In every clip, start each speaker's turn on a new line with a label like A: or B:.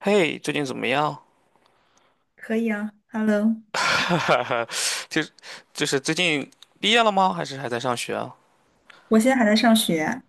A: 嘿，最近怎么样？
B: 可以啊，Hello，
A: 哈哈哈，就就是最近毕业了吗？还是还在上学啊？
B: 我现在还在上学。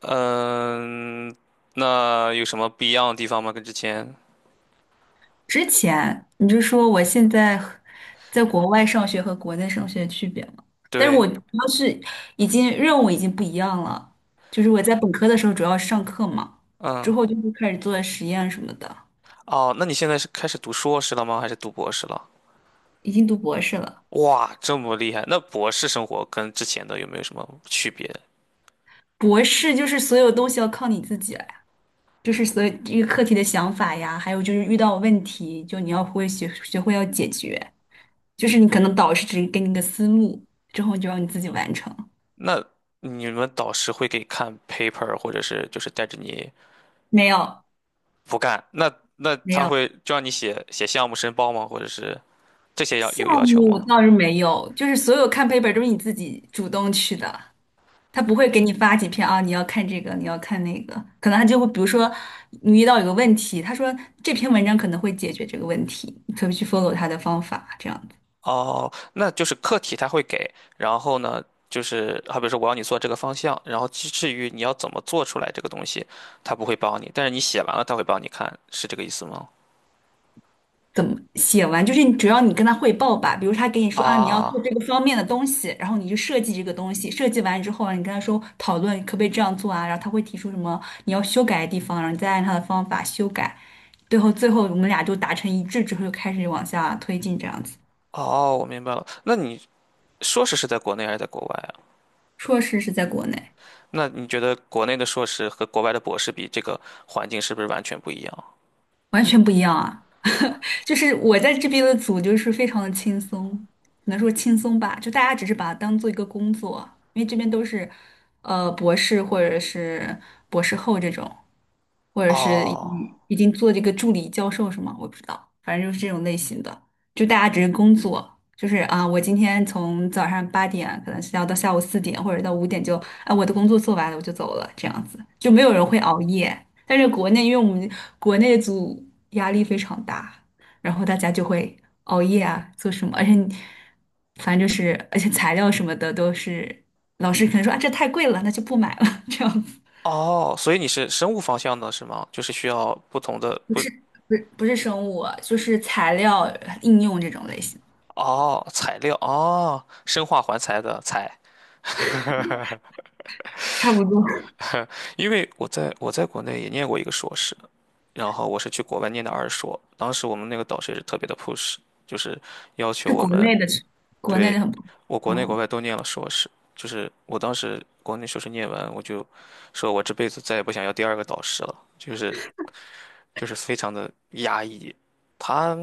A: 嗯，那有什么不一样的地方吗？跟之前？
B: 之前你就说我现在和在国外上学和国内上学的区别嘛？但是我
A: 对，
B: 主要是已经任务已经不一样了，就是我在本科的时候主要是上课嘛，之
A: 嗯，
B: 后就是开始做实验什么的，
A: 哦，那你现在是开始读硕士了吗？还是读博士了？
B: 已经读博士了。
A: 哇，这么厉害！那博士生活跟之前的有没有什么区别？
B: 博士就是所有东西要靠你自己来，就是所以这个课题的想法呀，还有就是遇到问题，就你要会学学会要解决，就是你可能导师只给你个思路，之后你就让你自己完成。
A: 那你们导师会给你看 paper，或者是就是带着你
B: 没有。
A: 不干？那那
B: 没
A: 他
B: 有。
A: 会就让你写写项目申报吗？或者是这些要
B: 项
A: 有要求
B: 目
A: 吗？
B: 倒是没有，就是所有看 paper 都是你自己主动去的，他不会给你发几篇啊，你要看这个，你要看那个，可能他就会比如说你遇到有个问题，他说这篇文章可能会解决这个问题，你可以去 follow 他的方法，这样子。
A: 哦，那就是课题他会给，然后呢，就是好比说我要你做这个方向，然后至于你要怎么做出来这个东西，他不会帮你，但是你写完了他会帮你看，是这个意思吗？
B: 怎么写完，就是你只要你跟他汇报吧，比如他给你说啊，你要做
A: 啊，
B: 这个方面的东西，然后你就设计这个东西，设计完之后啊你跟他说讨论可不可以这样做啊，然后他会提出什么你要修改的地方，然后你再按他的方法修改，最后我们俩就达成一致之后，就开始往下推进这样子。
A: 哦，我明白了。那你硕士是在国内还是在国外啊？
B: 硕士是在国内。
A: 那你觉得国内的硕士和国外的博士比，这个环境是不是完全不一样？
B: 完全不一样啊！就是我在这边的组就是非常的轻松，只能说轻松吧，就大家只是把它当做一个工作，因为这边都是博士或者是博士后这种，或者是已
A: 哦，
B: 经已经做这个助理教授什么，我不知道，反正就是这种类型的，就大家只是工作。就是啊，我今天从早上八点可能是要到下午四点或者到五点就，啊，我的工作做完了我就走了，这样子就没有人会熬夜。但是国内，因为我们国内组压力非常大，然后大家就会熬夜啊，做什么，而且你反正就是，而且材料什么的都是老师可能说啊，这太贵了，那就不买了，这样子。
A: 哦，所以你是生物方向的是吗？就是需要不同的
B: 不
A: 不，
B: 是。不是不是生物，就是材料应用这种类型，
A: 哦，材料，哦，生化环材的材。
B: 差不多。
A: 因为我在国内也念过一个硕士，然后我是去国外念的二硕。当时我们那个导师也是特别的 push，就是要求
B: 是
A: 我
B: 国
A: 们
B: 内的
A: 对
B: 很不。
A: 我国内国
B: 嗯。
A: 外都念了硕士。就是我当时国内硕士念完，我就说我这辈子再也不想要第二个导师了，就是非常的压抑。他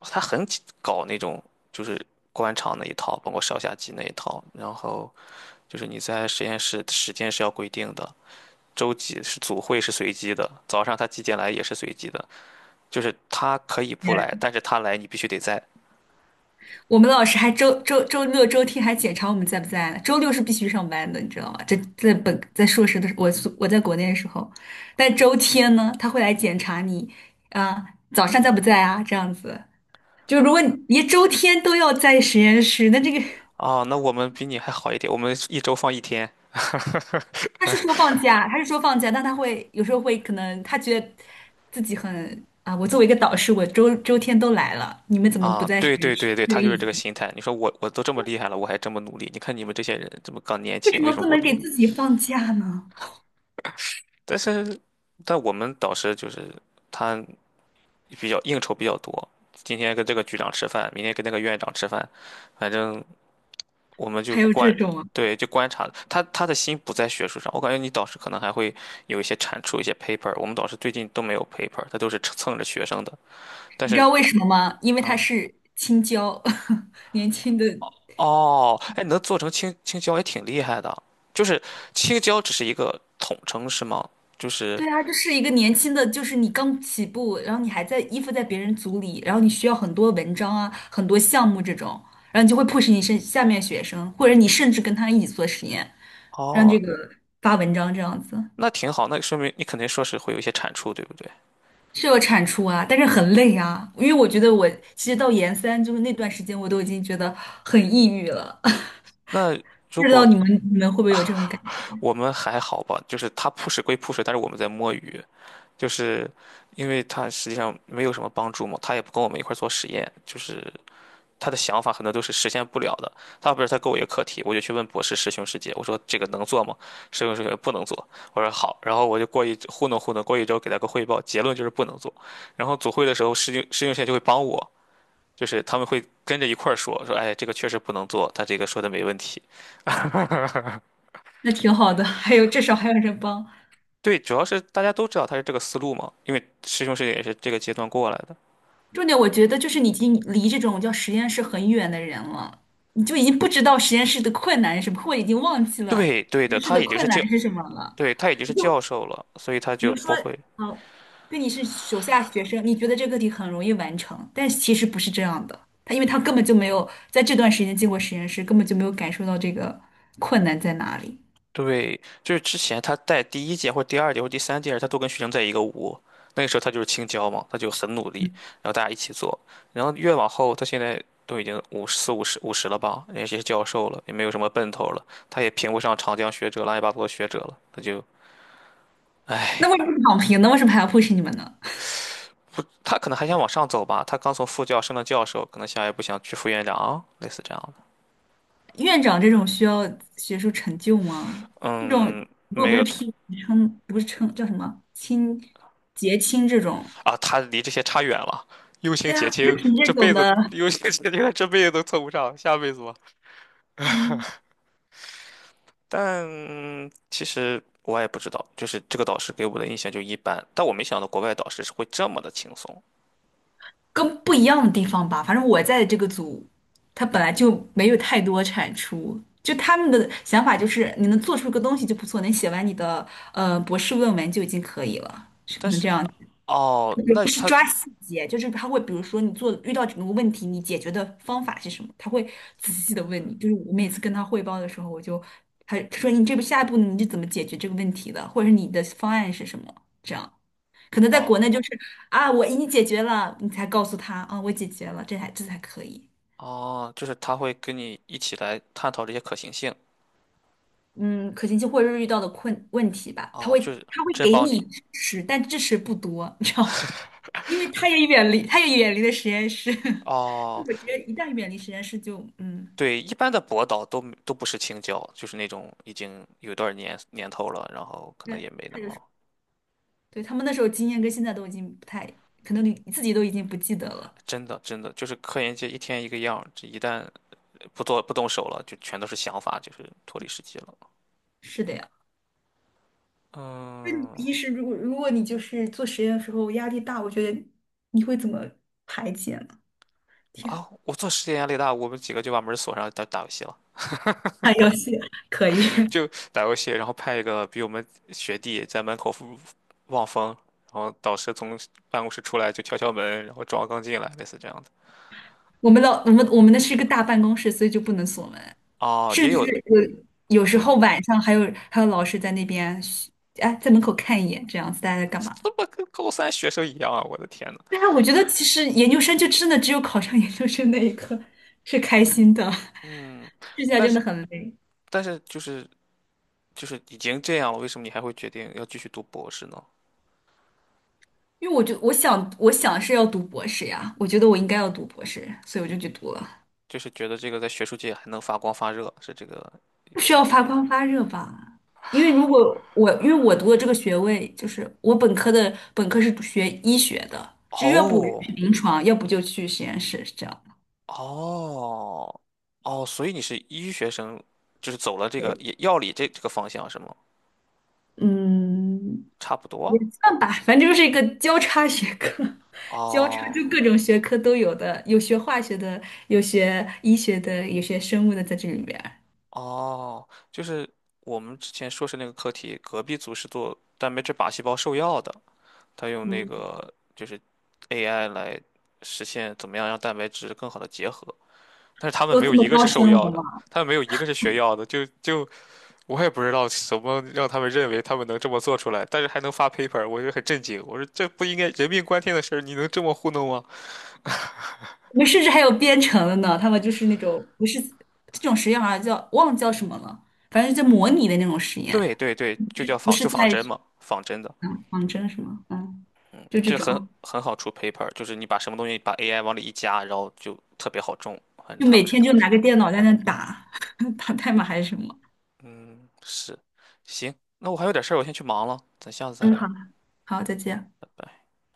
A: 他很搞那种就是官场那一套，包括上下级那一套，然后就是你在实验室时间是要规定的。周几是组会是随机的，早上他几点来也是随机的，就是他可以不来，但是他来你必须得在。
B: 我们老师还周六周天还检查我们在不在呢，周六是必须上班的，你知道吗？这在硕士的时候我在国内的时候，但周天呢，他会来检查你，啊、早上在不在啊？这样子，就如果你连周天都要在实验室，那这个
A: 啊，那我们比你还好一点，我们一周放一天。
B: 他是说放假。他是说放假，但他会有时候会可能他觉得自己很啊，我作为一个导师，我天都来了，你们怎么不
A: 啊，
B: 在实
A: 对对
B: 验室？
A: 对对，
B: 这个
A: 他就
B: 意
A: 是这
B: 思，
A: 个心态。你说我都这么厉害了，我还这么努力，你看你们这些人这么刚年
B: 为
A: 轻，
B: 什
A: 为
B: 么
A: 什么
B: 不
A: 不
B: 能
A: 努
B: 给
A: 力？
B: 自己放假呢？
A: 但是，但我们导师就是他比较应酬比较多，今天跟这个局长吃饭，明天跟那个院长吃饭，反正我们就
B: 还有这
A: 观，
B: 种啊。
A: 对，就观察他的心不在学术上，我感觉你导师可能还会有一些产出一些 paper，我们导师最近都没有 paper，他都是蹭着学生的。但
B: 你知
A: 是
B: 道为什么吗？因为他
A: 啊，
B: 是青椒，年轻的。
A: 哦，哎，能做成青椒也挺厉害的，就是青椒只是一个统称是吗？就是
B: 对啊，这是一个年轻的，就是你刚起步，然后你还在依附在别人组里，然后你需要很多文章啊，很多项目这种，然后你就会迫使你是下面学生，或者你甚至跟他一起做实验，让
A: 哦，
B: 这个发文章这样子。
A: 那挺好，那说明你肯定说是会有一些产出，对不对？
B: 是有产出啊，但是很累啊，因为我觉得我其实到研三就是那段时间，我都已经觉得很抑郁了，
A: 那
B: 不
A: 如
B: 知道
A: 果
B: 你们会不会有这种感觉？
A: 我们还好吧，就是他 push 归 push，但是我们在摸鱼。就是因为他实际上没有什么帮助嘛，他也不跟我们一块儿做实验，就是他的想法很多都是实现不了的。他不是他给我一个课题，我就去问博士师兄师姐，我说这个能做吗？师兄师姐不能做，我说好，然后我就过一糊弄，过一周给他个汇报，结论就是不能做。然后组会的时候，师兄师姐就会帮我，就是他们会跟着一块儿说说，哎，这个确实不能做，他这个说的没问题。
B: 那挺好的，还有至少还有人帮。
A: 对，主要是大家都知道他是这个思路嘛，因为师兄师姐也是这个阶段过来的。
B: 重点我觉得就是你已经离这种叫实验室很远的人了，你就已经不知道实验室的困难是什么，或者已经忘记了
A: 对对
B: 实
A: 的，
B: 验室
A: 他
B: 的
A: 已经是
B: 困难
A: 教
B: 是什么了。
A: 对，他已经是
B: 就
A: 教授了，所以他
B: 比
A: 就
B: 如说，
A: 不会。
B: 呃，对你是手下学生，你觉得这个题很容易完成，但其实不是这样的。他因为他根本就没有在这段时间进过实验室，根本就没有感受到这个困难在哪里。
A: 对，就是之前他带第一届或者第二届或者第三届时，他都跟学生在一个屋。那个时候他就是青椒嘛，他就很努力，然后大家一起做。然后越往后，他现在都已经五十四五十五十了吧，也是教授了，也没有什么奔头了，他也评不上长江学者、乱七八糟的学者了，他就，
B: 那
A: 唉，
B: 为什么躺平呢？为什么还要 push 你们呢？
A: 他可能还想往上走吧，他刚从副教升到教授，可能下一步想去副院长，类似这样的。
B: 院长这种需要学术成就吗？这种
A: 嗯，
B: 如果
A: 没
B: 不是
A: 有，
B: 拼称，不是称叫什么亲结亲这种，
A: 啊，他离这些差远了。用心
B: 对
A: 结
B: 啊，不是
A: 晶
B: 凭
A: 这
B: 这种
A: 辈子
B: 的，
A: 用心结晶，这辈子都凑不上，下辈子吧。
B: 嗯，
A: 但其实我也不知道，就是这个导师给我的印象就一般。但我没想到国外导师是会这么的轻松。
B: 跟不一样的地方吧。反正我在的这个组，他本来就没有太多产出，就他们的想法就是你能做出个东西就不错，能写完你的博士论文就已经可以了。
A: 但是哦，那
B: 是
A: 他
B: 抓细节，就是他会，比如说你做遇到整个问题，你解决的方法是什么？他会仔细的问你。就是我每次跟他汇报的时候，我就他说你这步下一步你是怎么解决这个问题的，或者是你的方案是什么？这样可能在国内就
A: 哦
B: 是啊，我已经解决了，你才告诉他啊，我解决了，这才可以。
A: 哦，就是他会跟你一起来探讨这些可行性。
B: 嗯，可行性或者是遇到的困问题吧，他
A: 哦，
B: 会
A: 就是
B: 他会
A: 真
B: 给
A: 帮
B: 你
A: 你。
B: 支持，但支持不多，你知道吗？因为他也远离了实验室。
A: 哦，
B: 我觉得一旦远离实验室就，嗯，
A: 对，一般的博导都不是青椒，就是那种已经有段年头了，然后可能
B: 那
A: 也没那
B: 他就是
A: 么
B: 对他们那时候经验跟现在都已经不太，可能你自己都已经不记得了。
A: 真的真的就是科研界一天一个样儿这一旦不做不动手了，就全都是想法，就是脱离实际了。
B: 是的呀，那你
A: 嗯。
B: 平时如果你就是做实验的时候压力大，我觉得你会怎么排解呢？天，
A: 啊，我做实验压力大，我们几个就把门锁上打游戏了，
B: 打游戏可以，
A: 就打游戏，然后派一个比我们学弟在门口望风，然后导师从办公室出来就敲门，然后装刚进来，类似这样的。
B: 我们老我们我们那是一个大办公室，所以就不能锁门，
A: 啊，
B: 甚
A: 也
B: 至
A: 有，
B: 有时
A: 对，
B: 候晚上还有老师在那边嘘，哎，在门口看一眼，这样子大家在干
A: 这
B: 嘛？
A: 怎么跟高三学生一样啊？我的天呐。
B: 但是我觉得其实研究生就真的只有考上研究生那一刻是开心的，
A: 嗯，
B: 剩下
A: 但
B: 真的
A: 是
B: 很累。
A: 但是就是就是已经这样了，为什么你还会决定要继续读博士呢？
B: 因为我就我想是要读博士呀，我觉得我应该要读博士，所以我就去读了，
A: 就是觉得这个在学术界还能发光发热，是这个
B: 不
A: 意
B: 需
A: 思
B: 要
A: 吗？
B: 发光发热吧？因为我读的这个学位就是我本科是学医学的，就要不我就
A: 哦
B: 去临床，要不就去实验室，是这样。
A: 哦哦，所以你是医学生，就是走了这个
B: 对，
A: 也药理这个方向是吗？
B: 嗯，
A: 差不多。
B: 也算吧，反正就是一个交叉学科，交叉
A: 哦
B: 就各种学科都有的，有学化学的，有学医学的，有学生物的在这里面儿。
A: 哦，就是我们之前硕士那个课题，隔壁组是做蛋白质靶细胞受药的，他用那
B: 嗯，
A: 个就是 AI 来实现怎么样让蛋白质更好的结合，但是他们
B: 都
A: 没
B: 这
A: 有
B: 么
A: 一个
B: 高
A: 是
B: 深
A: 受
B: 了
A: 药的，
B: 吗？
A: 他们没有一个是学药的，就我也不知道怎么让他们认为他们能这么做出来，但是还能发 paper，我就很震惊。我说这不应该人命关天的事儿，你能这么糊弄吗？
B: 我们甚至还有编程的呢，他们就是那种不是这种实验好像叫忘了叫什么了，反正就模拟的那种实验，
A: 对对对，
B: 不
A: 就
B: 是
A: 叫
B: 不
A: 仿
B: 是
A: 就仿
B: 在
A: 真嘛，仿真的，
B: 仿真什么，嗯，就这
A: 这很
B: 种，
A: 很好出 paper，就是你把什么东西把 AI 往里一加，然后就特别好中。反正
B: 就
A: 他
B: 每
A: 们是
B: 天
A: 这么
B: 就拿个
A: 说的。
B: 电脑在那打 打代码还是什么。
A: 嗯，是，行，那我还有点事儿，我先去忙了，咱下次再
B: 嗯，好。
A: 聊，
B: 好，再见。
A: 拜拜。